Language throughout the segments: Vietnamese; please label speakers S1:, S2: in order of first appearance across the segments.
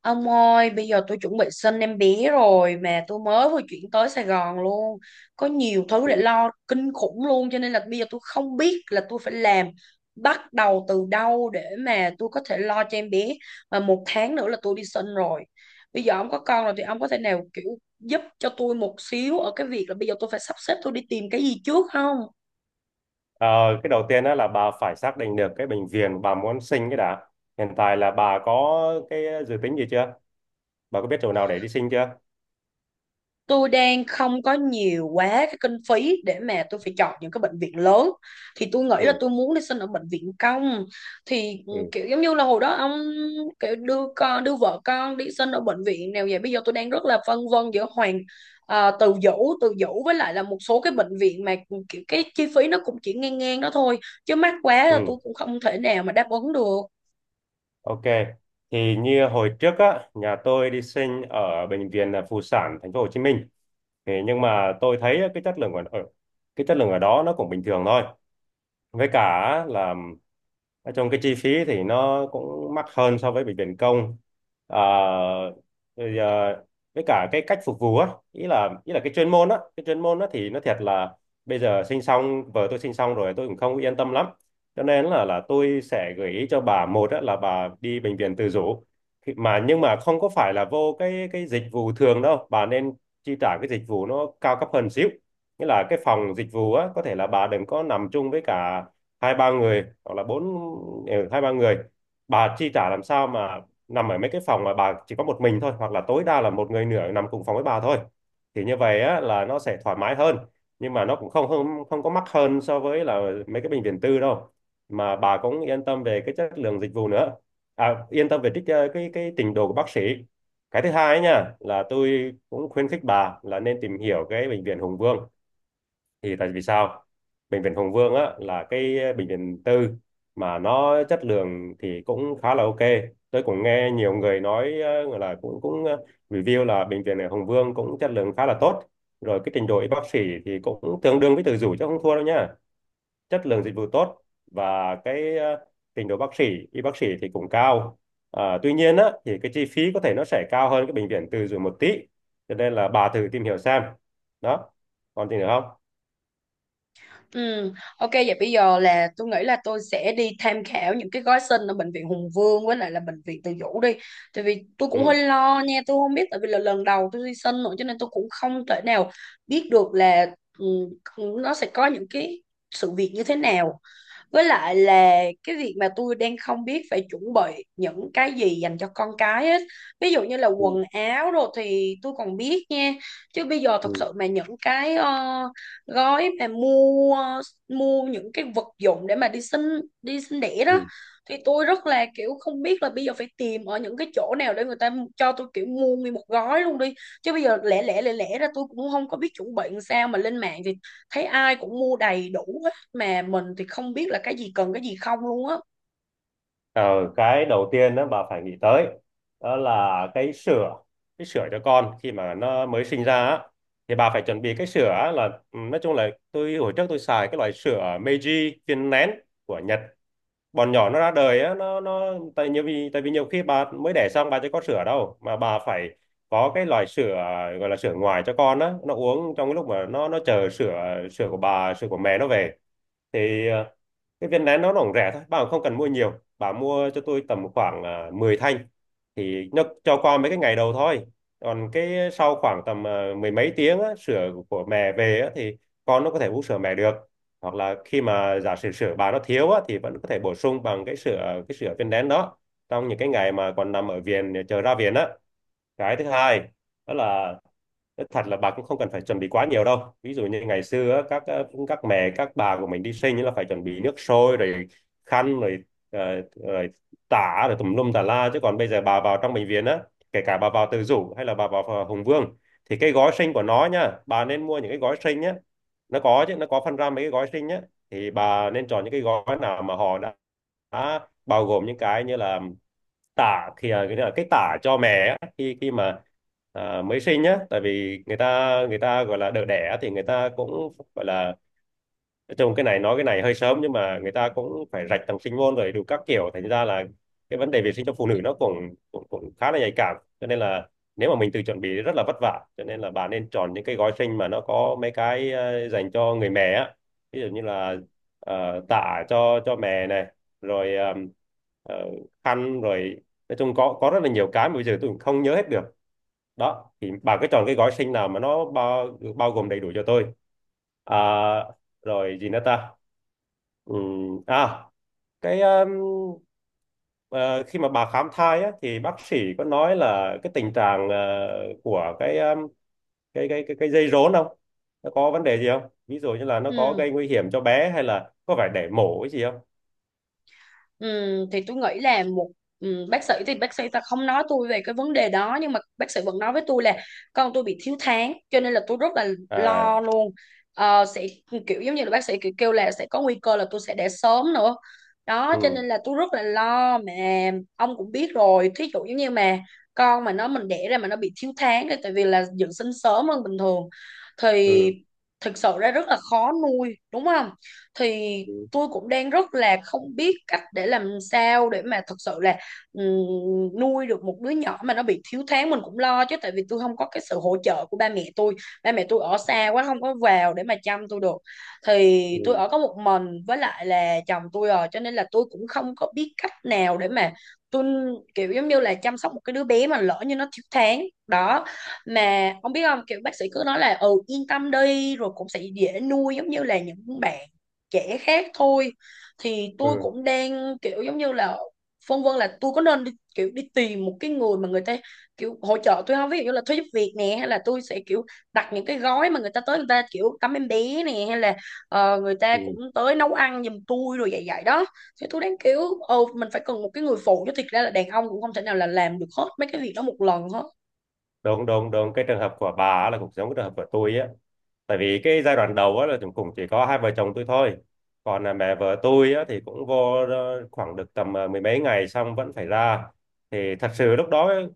S1: Ông ơi, bây giờ tôi chuẩn bị sinh em bé rồi mà tôi mới vừa chuyển tới Sài Gòn luôn. Có nhiều thứ để lo kinh khủng luôn, cho nên là bây giờ tôi không biết là tôi phải làm, bắt đầu từ đâu để mà tôi có thể lo cho em bé. Mà một tháng nữa là tôi đi sinh rồi. Bây giờ ông có con rồi thì ông có thể nào kiểu giúp cho tôi một xíu ở cái việc là bây giờ tôi phải sắp xếp, tôi đi tìm cái gì trước không?
S2: Ờ, cái đầu tiên đó là bà phải xác định được cái bệnh viện bà muốn sinh cái đã. Hiện tại là bà có cái dự tính gì chưa? Bà có biết chỗ nào để đi sinh chưa?
S1: Tôi đang không có nhiều quá cái kinh phí để mà tôi phải chọn những cái bệnh viện lớn, thì tôi nghĩ
S2: Ừ,
S1: là tôi muốn đi sinh ở bệnh viện công. Thì
S2: ừ,
S1: kiểu giống như là hồi đó ông kiểu đưa con, đưa vợ con đi sinh ở bệnh viện nào vậy? Bây giờ tôi đang rất là phân vân giữa Hoàng, à, Từ Dũ, với lại là một số cái bệnh viện mà kiểu cái chi phí nó cũng chỉ ngang ngang đó thôi, chứ mắc quá là tôi
S2: ừ,
S1: cũng không thể nào mà đáp ứng được.
S2: ok. Thì như hồi trước á, nhà tôi đi sinh ở bệnh viện là Phụ sản thành phố Hồ Chí Minh. Thì nhưng mà tôi thấy cái chất lượng ở ở- cái chất lượng ở đó nó cũng bình thường thôi. Với cả á, là nói chung cái chi phí thì nó cũng mắc hơn so với bệnh viện công, à, rồi, à, với cả cái cách phục vụ á ý là cái chuyên môn á thì nó thiệt là bây giờ sinh xong, vợ tôi sinh xong rồi tôi cũng không yên tâm lắm, cho nên là tôi sẽ gợi ý cho bà một á, là bà đi bệnh viện tự chủ. Mà nhưng mà không có phải là vô cái dịch vụ thường đâu, bà nên chi trả cái dịch vụ nó cao cấp hơn xíu, nghĩa là cái phòng dịch vụ á có thể là bà đừng có nằm chung với cả hai ba người hoặc là bốn. Hai ba người bà chi trả làm sao mà nằm ở mấy cái phòng mà bà chỉ có một mình thôi, hoặc là tối đa là một người nửa nằm cùng phòng với bà thôi, thì như vậy á là nó sẽ thoải mái hơn. Nhưng mà nó cũng không không không có mắc hơn so với là mấy cái bệnh viện tư đâu, mà bà cũng yên tâm về cái chất lượng dịch vụ nữa, à, yên tâm về cái trình độ của bác sĩ. Cái thứ hai ấy nha là tôi cũng khuyến khích bà là nên tìm hiểu cái bệnh viện Hùng Vương. Thì tại vì sao? Bệnh viện Hùng Vương á là cái bệnh viện tư mà nó chất lượng thì cũng khá là ok. Tôi cũng nghe nhiều người nói là cũng cũng ờ, review là bệnh viện ở Hùng Vương cũng chất lượng khá là tốt, rồi cái trình độ y bác sĩ thì cũng tương đương với Từ Dũ chứ không thua đâu nha. Chất lượng dịch vụ tốt và cái trình độ bác sĩ y bác sĩ thì cũng cao. À, tuy nhiên á thì cái chi phí có thể nó sẽ cao hơn cái bệnh viện Từ Dũ một tí, cho nên là bà thử tìm hiểu xem. Đó. Còn gì nữa không?
S1: Ừ, ok, vậy bây giờ là tôi nghĩ là tôi sẽ đi tham khảo những cái gói sinh ở bệnh viện Hùng Vương với lại là bệnh viện Từ Dũ đi. Tại vì tôi cũng hơi lo nha, tôi không biết, tại vì là lần đầu tôi đi sinh nữa cho nên tôi cũng không thể nào biết được là ừ, nó sẽ có những cái sự việc như thế nào, với lại là cái việc mà tôi đang không biết phải chuẩn bị những cái gì dành cho con cái hết. Ví dụ như là
S2: Ừ,
S1: quần áo rồi thì tôi còn biết nha, chứ bây giờ thật
S2: ừ.
S1: sự mà những cái gói mà mua, mua những cái vật dụng để mà đi sinh, đi sinh đẻ đó,
S2: Ừ.
S1: thì tôi rất là kiểu không biết là bây giờ phải tìm ở những cái chỗ nào để người ta cho tôi kiểu mua nguyên một gói luôn đi, chứ bây giờ lẻ lẻ ra tôi cũng không có biết chuẩn bị làm sao, mà lên mạng thì thấy ai cũng mua đầy đủ hết mà mình thì không biết là cái gì cần, cái gì không luôn á.
S2: Ờ, cái đầu tiên đó bà phải nghĩ tới, đó là cái sữa, cái sữa cho con khi mà nó mới sinh ra á, thì bà phải chuẩn bị cái sữa á là, nói chung là tôi hồi trước tôi xài cái loại sữa Meiji viên nén của Nhật. Bọn nhỏ nó ra đời á, nó tại vì nhiều khi bà mới đẻ xong bà chưa có sữa đâu, mà bà phải có cái loại sữa gọi là sữa ngoài cho con á, nó uống trong cái lúc mà nó chờ sữa sữa của bà sữa của mẹ nó về. Thì cái viên nén nó cũng rẻ thôi, bà cũng không cần mua nhiều, bà mua cho tôi tầm khoảng 10 thanh, thì nó cho qua mấy cái ngày đầu thôi. Còn cái sau khoảng tầm mười mấy tiếng á, sữa của mẹ về á, thì con nó có thể uống sữa mẹ được, hoặc là khi mà giả sử sữa bà nó thiếu á, thì vẫn có thể bổ sung bằng cái sữa viên nén đó trong những cái ngày mà còn nằm ở viện chờ ra viện á. Cái thứ hai, đó là nói thật là bà cũng không cần phải chuẩn bị quá nhiều đâu, ví dụ như ngày xưa á, các mẹ các bà của mình đi sinh ấy là phải chuẩn bị nước sôi rồi khăn rồi rồi tả rồi tùm lum tà la, chứ còn bây giờ bà vào trong bệnh viện á, kể cả bà vào Từ Dũ hay là bà vào Hùng Vương, thì cái gói sinh của nó nha, bà nên mua những cái gói sinh nhé, nó có chứ, nó có phân ra mấy cái gói sinh nhé, thì bà nên chọn những cái gói nào mà họ đã bao gồm những cái như là tả thì à, cái là cái tả cho mẹ á, khi khi mà mới sinh nhá, tại vì người ta gọi là đỡ đẻ thì người ta cũng gọi là, nói chung cái này nói cái này hơi sớm nhưng mà người ta cũng phải rạch tầng sinh môn rồi đủ các kiểu, thành ra là cái vấn đề vệ sinh cho phụ nữ nó cũng cũng, cũng khá là nhạy cảm, cho nên là nếu mà mình tự chuẩn bị rất là vất vả, cho nên là bà nên chọn những cái gói sinh mà nó có mấy cái dành cho người mẹ á. Ví dụ như là tã cho mẹ này, rồi ờ, khăn rồi, nói chung có rất là nhiều cái mà bây giờ tôi cũng không nhớ hết được. Đó thì bà cứ chọn cái gói sinh nào mà nó bao bao gồm đầy đủ cho tôi. À, rồi gì nữa ta. À, cái um, ờ, khi mà bà khám thai á, thì bác sĩ có nói là cái tình trạng của cái dây rốn không, nó có vấn đề gì không, ví dụ như là nó có
S1: Ừ.
S2: gây nguy hiểm cho bé hay là có phải để mổ cái gì không.
S1: Thì tôi nghĩ là một, bác sĩ thì bác sĩ ta không nói tôi về cái vấn đề đó, nhưng mà bác sĩ vẫn nói với tôi là con tôi bị thiếu tháng cho nên là tôi rất là lo
S2: À,
S1: luôn. Ờ, sẽ kiểu giống như là bác sĩ kiểu kêu là sẽ có nguy cơ là tôi sẽ đẻ sớm nữa đó,
S2: ừ,
S1: cho nên là tôi rất là lo. Mà ông cũng biết rồi, thí dụ giống như mà con mà nó mình đẻ ra mà nó bị thiếu tháng thì tại vì là dự sinh sớm hơn bình thường, thì
S2: ừ,
S1: thực sự ra rất là khó nuôi, đúng không? Thì
S2: ừ,
S1: tôi cũng đang rất là không biết cách để làm sao để mà thật sự là, nuôi được một đứa nhỏ mà nó bị thiếu tháng. Mình cũng lo chứ, tại vì tôi không có cái sự hỗ trợ của ba mẹ tôi, ba mẹ tôi ở xa quá không có vào để mà chăm tôi được. Thì
S2: ừ,
S1: tôi ở có một mình với lại là chồng tôi rồi, cho nên là tôi cũng không có biết cách nào để mà tôi kiểu giống như là chăm sóc một cái đứa bé mà lỡ như nó thiếu tháng đó. Mà ông biết không, kiểu bác sĩ cứ nói là ừ yên tâm đi, rồi cũng sẽ dễ nuôi giống như là những bạn trẻ khác thôi. Thì tôi
S2: ừ,
S1: cũng đang kiểu giống như là phân vân, là tôi có nên đi, kiểu đi tìm một cái người mà người ta kiểu hỗ trợ tôi không, ví dụ như là thuê giúp việc nè, hay là tôi sẽ kiểu đặt những cái gói mà người ta tới người ta kiểu tắm em bé nè, hay là người ta cũng
S2: ừ.
S1: tới nấu ăn giùm tôi rồi, vậy vậy đó. Thì tôi đang kiểu, ờ, mình phải cần một cái người phụ chứ, thiệt ra là đàn ông cũng không thể nào là làm được hết mấy cái việc đó một lần hết.
S2: Đúng, đúng, đúng, cái trường hợp của bà á là cũng giống cái trường hợp của tôi á, tại vì cái giai đoạn đầu á là chúng cũng chỉ có hai vợ chồng tôi thôi, còn là mẹ vợ tôi á thì cũng vô khoảng được tầm mười mấy ngày xong vẫn phải ra, thì thật sự lúc đó ấy,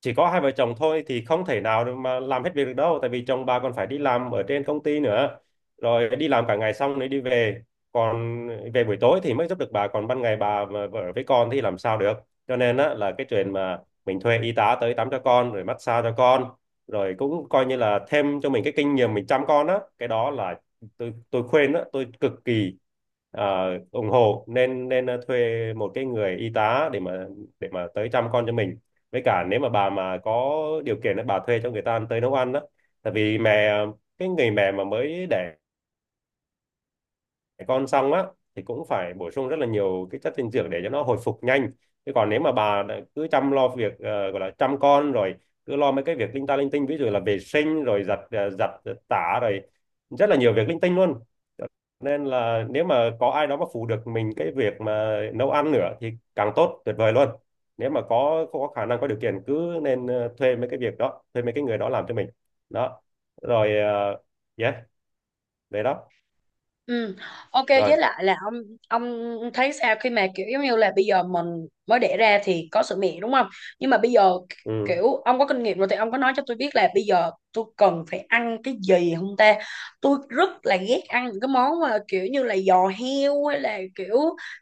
S2: chỉ có hai vợ chồng thôi thì không thể nào để mà làm hết việc được đâu, tại vì chồng bà còn phải đi làm ở trên công ty nữa, rồi đi làm cả ngày xong rồi đi về, còn về buổi tối thì mới giúp được bà, còn ban ngày bà mà ở với con thì làm sao được. Cho nên á là cái chuyện mà mình thuê y tá tới tắm cho con rồi massage cho con, rồi cũng coi như là thêm cho mình cái kinh nghiệm mình chăm con á, cái đó là tôi khuyên đó, tôi cực kỳ ủng hộ, nên nên ờ, thuê một cái người y tá để mà tới chăm con cho mình. Với cả nếu mà bà mà có điều kiện á, bà thuê cho người ta tới nấu ăn đó, tại vì cái người mẹ mà mới đẻ con xong á thì cũng phải bổ sung rất là nhiều cái chất dinh dưỡng để cho nó hồi phục nhanh. Chứ còn nếu mà bà đã cứ chăm lo việc gọi là chăm con rồi, cứ lo mấy cái việc linh ta linh tinh, ví dụ là vệ sinh rồi giặt tả rồi, rất là nhiều việc linh tinh luôn, nên là nếu mà có ai đó mà phụ được mình cái việc mà nấu ăn nữa thì càng tốt, tuyệt vời luôn. Nếu mà có khả năng có điều kiện cứ nên thuê mấy cái việc đó, thuê mấy cái người đó làm cho mình. Đó. Rồi. Ờ, yeah. Đấy đó.
S1: Ừ. Ok,
S2: Rồi.
S1: với lại là ông thấy sao khi mà kiểu giống như là bây giờ mình mới đẻ ra thì có sữa mẹ, đúng không? Nhưng mà bây giờ
S2: Ừ.
S1: kiểu ông có kinh nghiệm rồi thì ông có nói cho tôi biết là bây giờ tôi cần phải ăn cái gì không ta? Tôi rất là ghét ăn những cái món mà kiểu như là giò heo hay là kiểu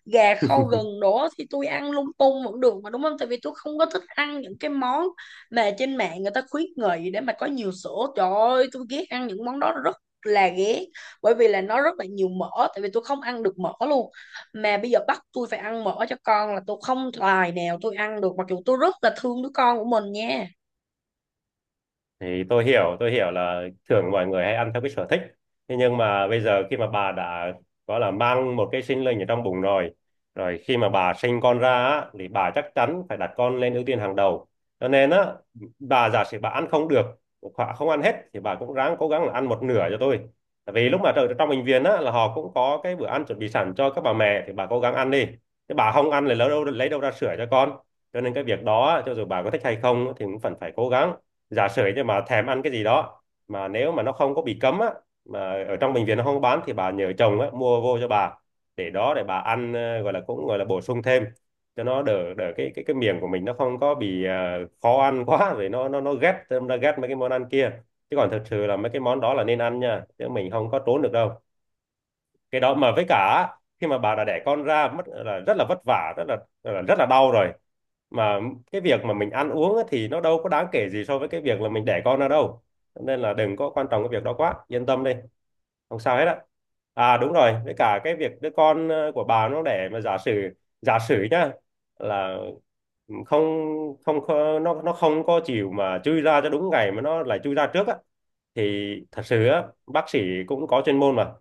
S1: gà kho gừng đó, thì tôi ăn lung tung vẫn được mà, đúng không? Tại vì tôi không có thích ăn những cái món mà trên mạng người ta khuyến nghị để mà có nhiều sữa. Trời ơi, tôi ghét ăn những món đó rất là ghét, bởi vì là nó rất là nhiều mỡ, tại vì tôi không ăn được mỡ luôn. Mà bây giờ bắt tôi phải ăn mỡ cho con là tôi không tài nào tôi ăn được, mặc dù tôi rất là thương đứa con của mình nha.
S2: Thì tôi hiểu là thường mọi người hay ăn theo cái sở thích, thế nhưng mà bây giờ khi mà bà đã gọi là mang một cái sinh linh ở trong bụng rồi, rồi khi mà bà sinh con ra á, thì bà chắc chắn phải đặt con lên ưu tiên hàng đầu. Cho nên á, bà giả sử bà ăn không được hoặc không ăn hết thì bà cũng ráng cố gắng là ăn một nửa cho tôi. Tại vì lúc mà ở trong bệnh viện á là họ cũng có cái bữa ăn chuẩn bị sẵn cho các bà mẹ thì bà cố gắng ăn đi, chứ bà không ăn thì lấy đâu ra sữa cho con. Cho nên cái việc đó á, cho dù bà có thích hay không thì cũng vẫn phải cố gắng. Giả sử như mà thèm ăn cái gì đó mà nếu mà nó không có bị cấm á mà ở trong bệnh viện nó không có bán thì bà nhờ chồng á Mua vô cho bà để đó để bà ăn, gọi là cũng gọi là bổ sung thêm cho nó đỡ đỡ cái miệng của mình nó không có bị, khó ăn quá rồi nó ghét, nó ghét mấy cái món ăn kia. Chứ còn thật sự là mấy cái món đó là nên ăn nha, chứ mình không có trốn được đâu cái đó. Mà với cả khi mà bà đã đẻ con ra mất là rất là vất vả, rất là rất là đau rồi. Mà cái việc mà mình ăn uống á thì nó đâu có đáng kể gì so với cái việc là mình đẻ con ra đâu. Nên là đừng có quan trọng cái việc đó quá, yên tâm đi, không sao hết á. À đúng rồi, với cả cái việc đứa con, của bà nó để mà giả sử, giả sử nhá, là không, nó nó không có chịu mà chui ra cho đúng ngày mà nó lại chui ra trước á, thì thật sự á bác sĩ cũng có chuyên môn mà.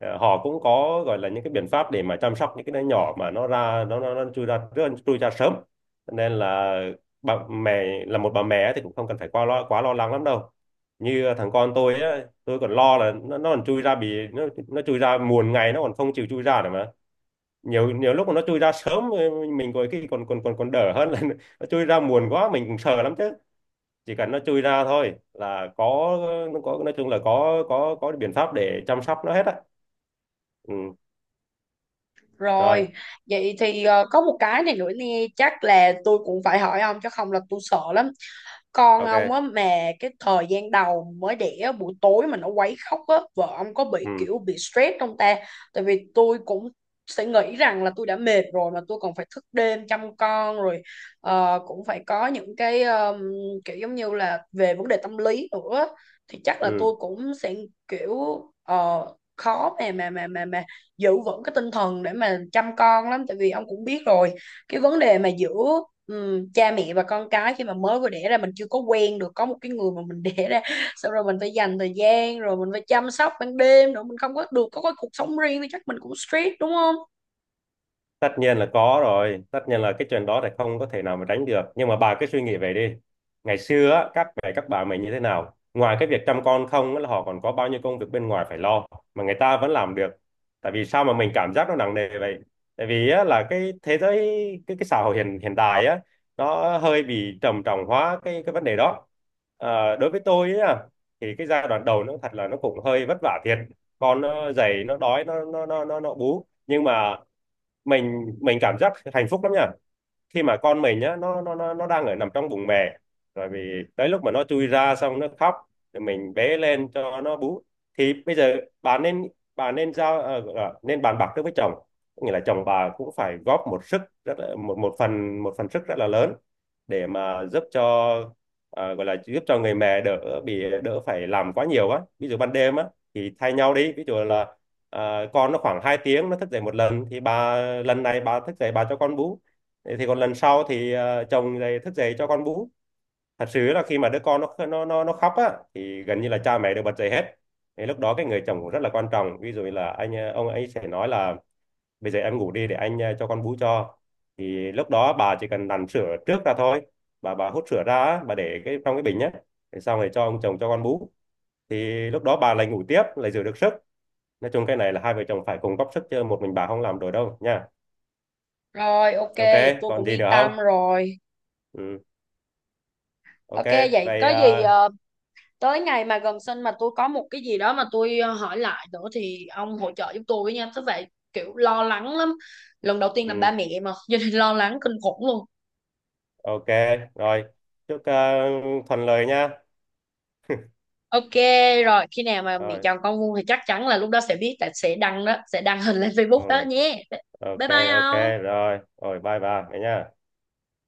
S2: Ờ, họ cũng có gọi là những cái biện pháp để mà chăm sóc những cái đứa nhỏ mà nó ra nó chui ra trước, chui ra sớm. Cho nên là bà mẹ, là một bà mẹ thì cũng không cần phải quá lo, quá lo lắng lắm đâu. Như, thằng con tôi á, tôi còn lo là nó còn chui ra bì nó chui ra muộn ngày, nó còn không chịu chui ra nữa mà. Nhiều, nhiều lúc mà nó chui ra sớm, mình còn cái còn còn còn còn đỡ hơn là nó chui ra muộn quá mình cũng sợ lắm chứ. Chỉ cần nó chui ra thôi là có, nó có, nói chung là có có biện pháp để chăm sóc nó hết á. Ừ. Rồi.
S1: Rồi vậy thì có một cái này nữa nè, chắc là tôi cũng phải hỏi ông chứ không là tôi sợ lắm. Con
S2: Ok.
S1: ông á mà, cái thời gian đầu mới đẻ á, buổi tối mà nó quấy khóc á, vợ ông có bị
S2: Ừ.
S1: kiểu bị stress không ta? Tại vì tôi cũng sẽ nghĩ rằng là tôi đã mệt rồi mà tôi còn phải thức đêm chăm con rồi, cũng phải có những cái kiểu giống như là về vấn đề tâm lý nữa, thì chắc là
S2: Ừ.
S1: tôi cũng sẽ kiểu khó mà giữ vững cái tinh thần để mà chăm con lắm. Tại vì ông cũng biết rồi, cái vấn đề mà giữa, cha mẹ và con cái khi mà mới vừa đẻ ra mình chưa có quen được, có một cái người mà mình đẻ ra xong rồi mình phải dành thời gian rồi mình phải chăm sóc ban đêm nữa, mình không có được có cái cuộc sống riêng, thì chắc mình cũng stress, đúng không?
S2: Tất nhiên là có rồi, tất nhiên là cái chuyện đó thì không có thể nào mà tránh được, nhưng mà bà cứ suy nghĩ về đi. Ngày xưa á, các mẹ các bà mình như thế nào, ngoài cái việc chăm con không á, là họ còn có bao nhiêu công việc bên ngoài phải lo mà người ta vẫn làm được. Tại vì sao mà mình cảm giác nó nặng nề vậy? Tại vì á, là cái thế giới, cái xã hội hiện hiện đại á nó hơi bị trầm trọng hóa cái vấn đề đó. Ờ, đối với tôi á thì cái giai đoạn đầu nó thật là nó cũng hơi vất vả thiệt. Con nó dậy nó đói, nó bú, nhưng mà mình cảm giác hạnh phúc lắm nha. Khi mà con mình á nó đang ở nằm trong bụng mẹ, rồi vì tới lúc mà nó chui ra xong nó khóc thì mình bế lên cho nó bú. Thì bây giờ bà nên, bà nên giao, gọi là nên bàn bạc trước với chồng. Có nghĩa là chồng bà cũng phải góp một sức rất là, một một phần, một phần sức rất là lớn để mà giúp cho, gọi là giúp cho người mẹ đỡ bị, đỡ phải làm quá nhiều á. Ví dụ ban đêm á thì thay nhau đi, ví dụ là, con nó khoảng 2 tiếng nó thức dậy một lần, thì bà, lần này bà thức dậy bà cho con bú, thì còn lần sau thì, chồng dậy, thức dậy cho con bú. Thật sự là khi mà đứa con nó khóc á thì gần như là cha mẹ đều bật dậy hết. Thì lúc đó cái người chồng cũng rất là quan trọng, ví dụ như là anh, ông ấy sẽ nói là bây giờ em ngủ đi để anh, cho con bú cho. Thì lúc đó bà chỉ cần đằn sữa trước ra thôi, bà hút sữa ra á, bà để cái trong cái bình nhé. Để xong rồi cho ông chồng cho con bú, thì lúc đó bà lại ngủ tiếp, lại giữ được sức. Nói chung cái này là hai vợ chồng phải cùng góp sức, chứ một mình bà không làm được đâu nha.
S1: Rồi ok,
S2: Ok.
S1: vậy tôi
S2: Còn
S1: cũng
S2: gì
S1: yên
S2: nữa không?
S1: tâm rồi.
S2: Ừ. Ok.
S1: Ok, vậy
S2: Vậy,
S1: có gì tới ngày mà gần sinh mà tôi có một cái gì đó mà tôi hỏi lại nữa thì ông hỗ trợ giúp tôi với nha. Thế vậy, kiểu lo lắng lắm, lần đầu tiên làm
S2: ừ,
S1: ba mẹ mà cho nên lo lắng kinh khủng luôn.
S2: ok, rồi, chúc, thuận lợi nha.
S1: Ok, rồi khi nào mà mẹ
S2: Rồi.
S1: chọn con vuông thì chắc chắn là lúc đó sẽ biết, tại sẽ đăng đó, sẽ đăng hình lên
S2: Ừ,
S1: Facebook đó nhé.
S2: ok.
S1: Bye bye
S2: Ok.
S1: ông.
S2: Rồi rồi, bye bà vậy nha.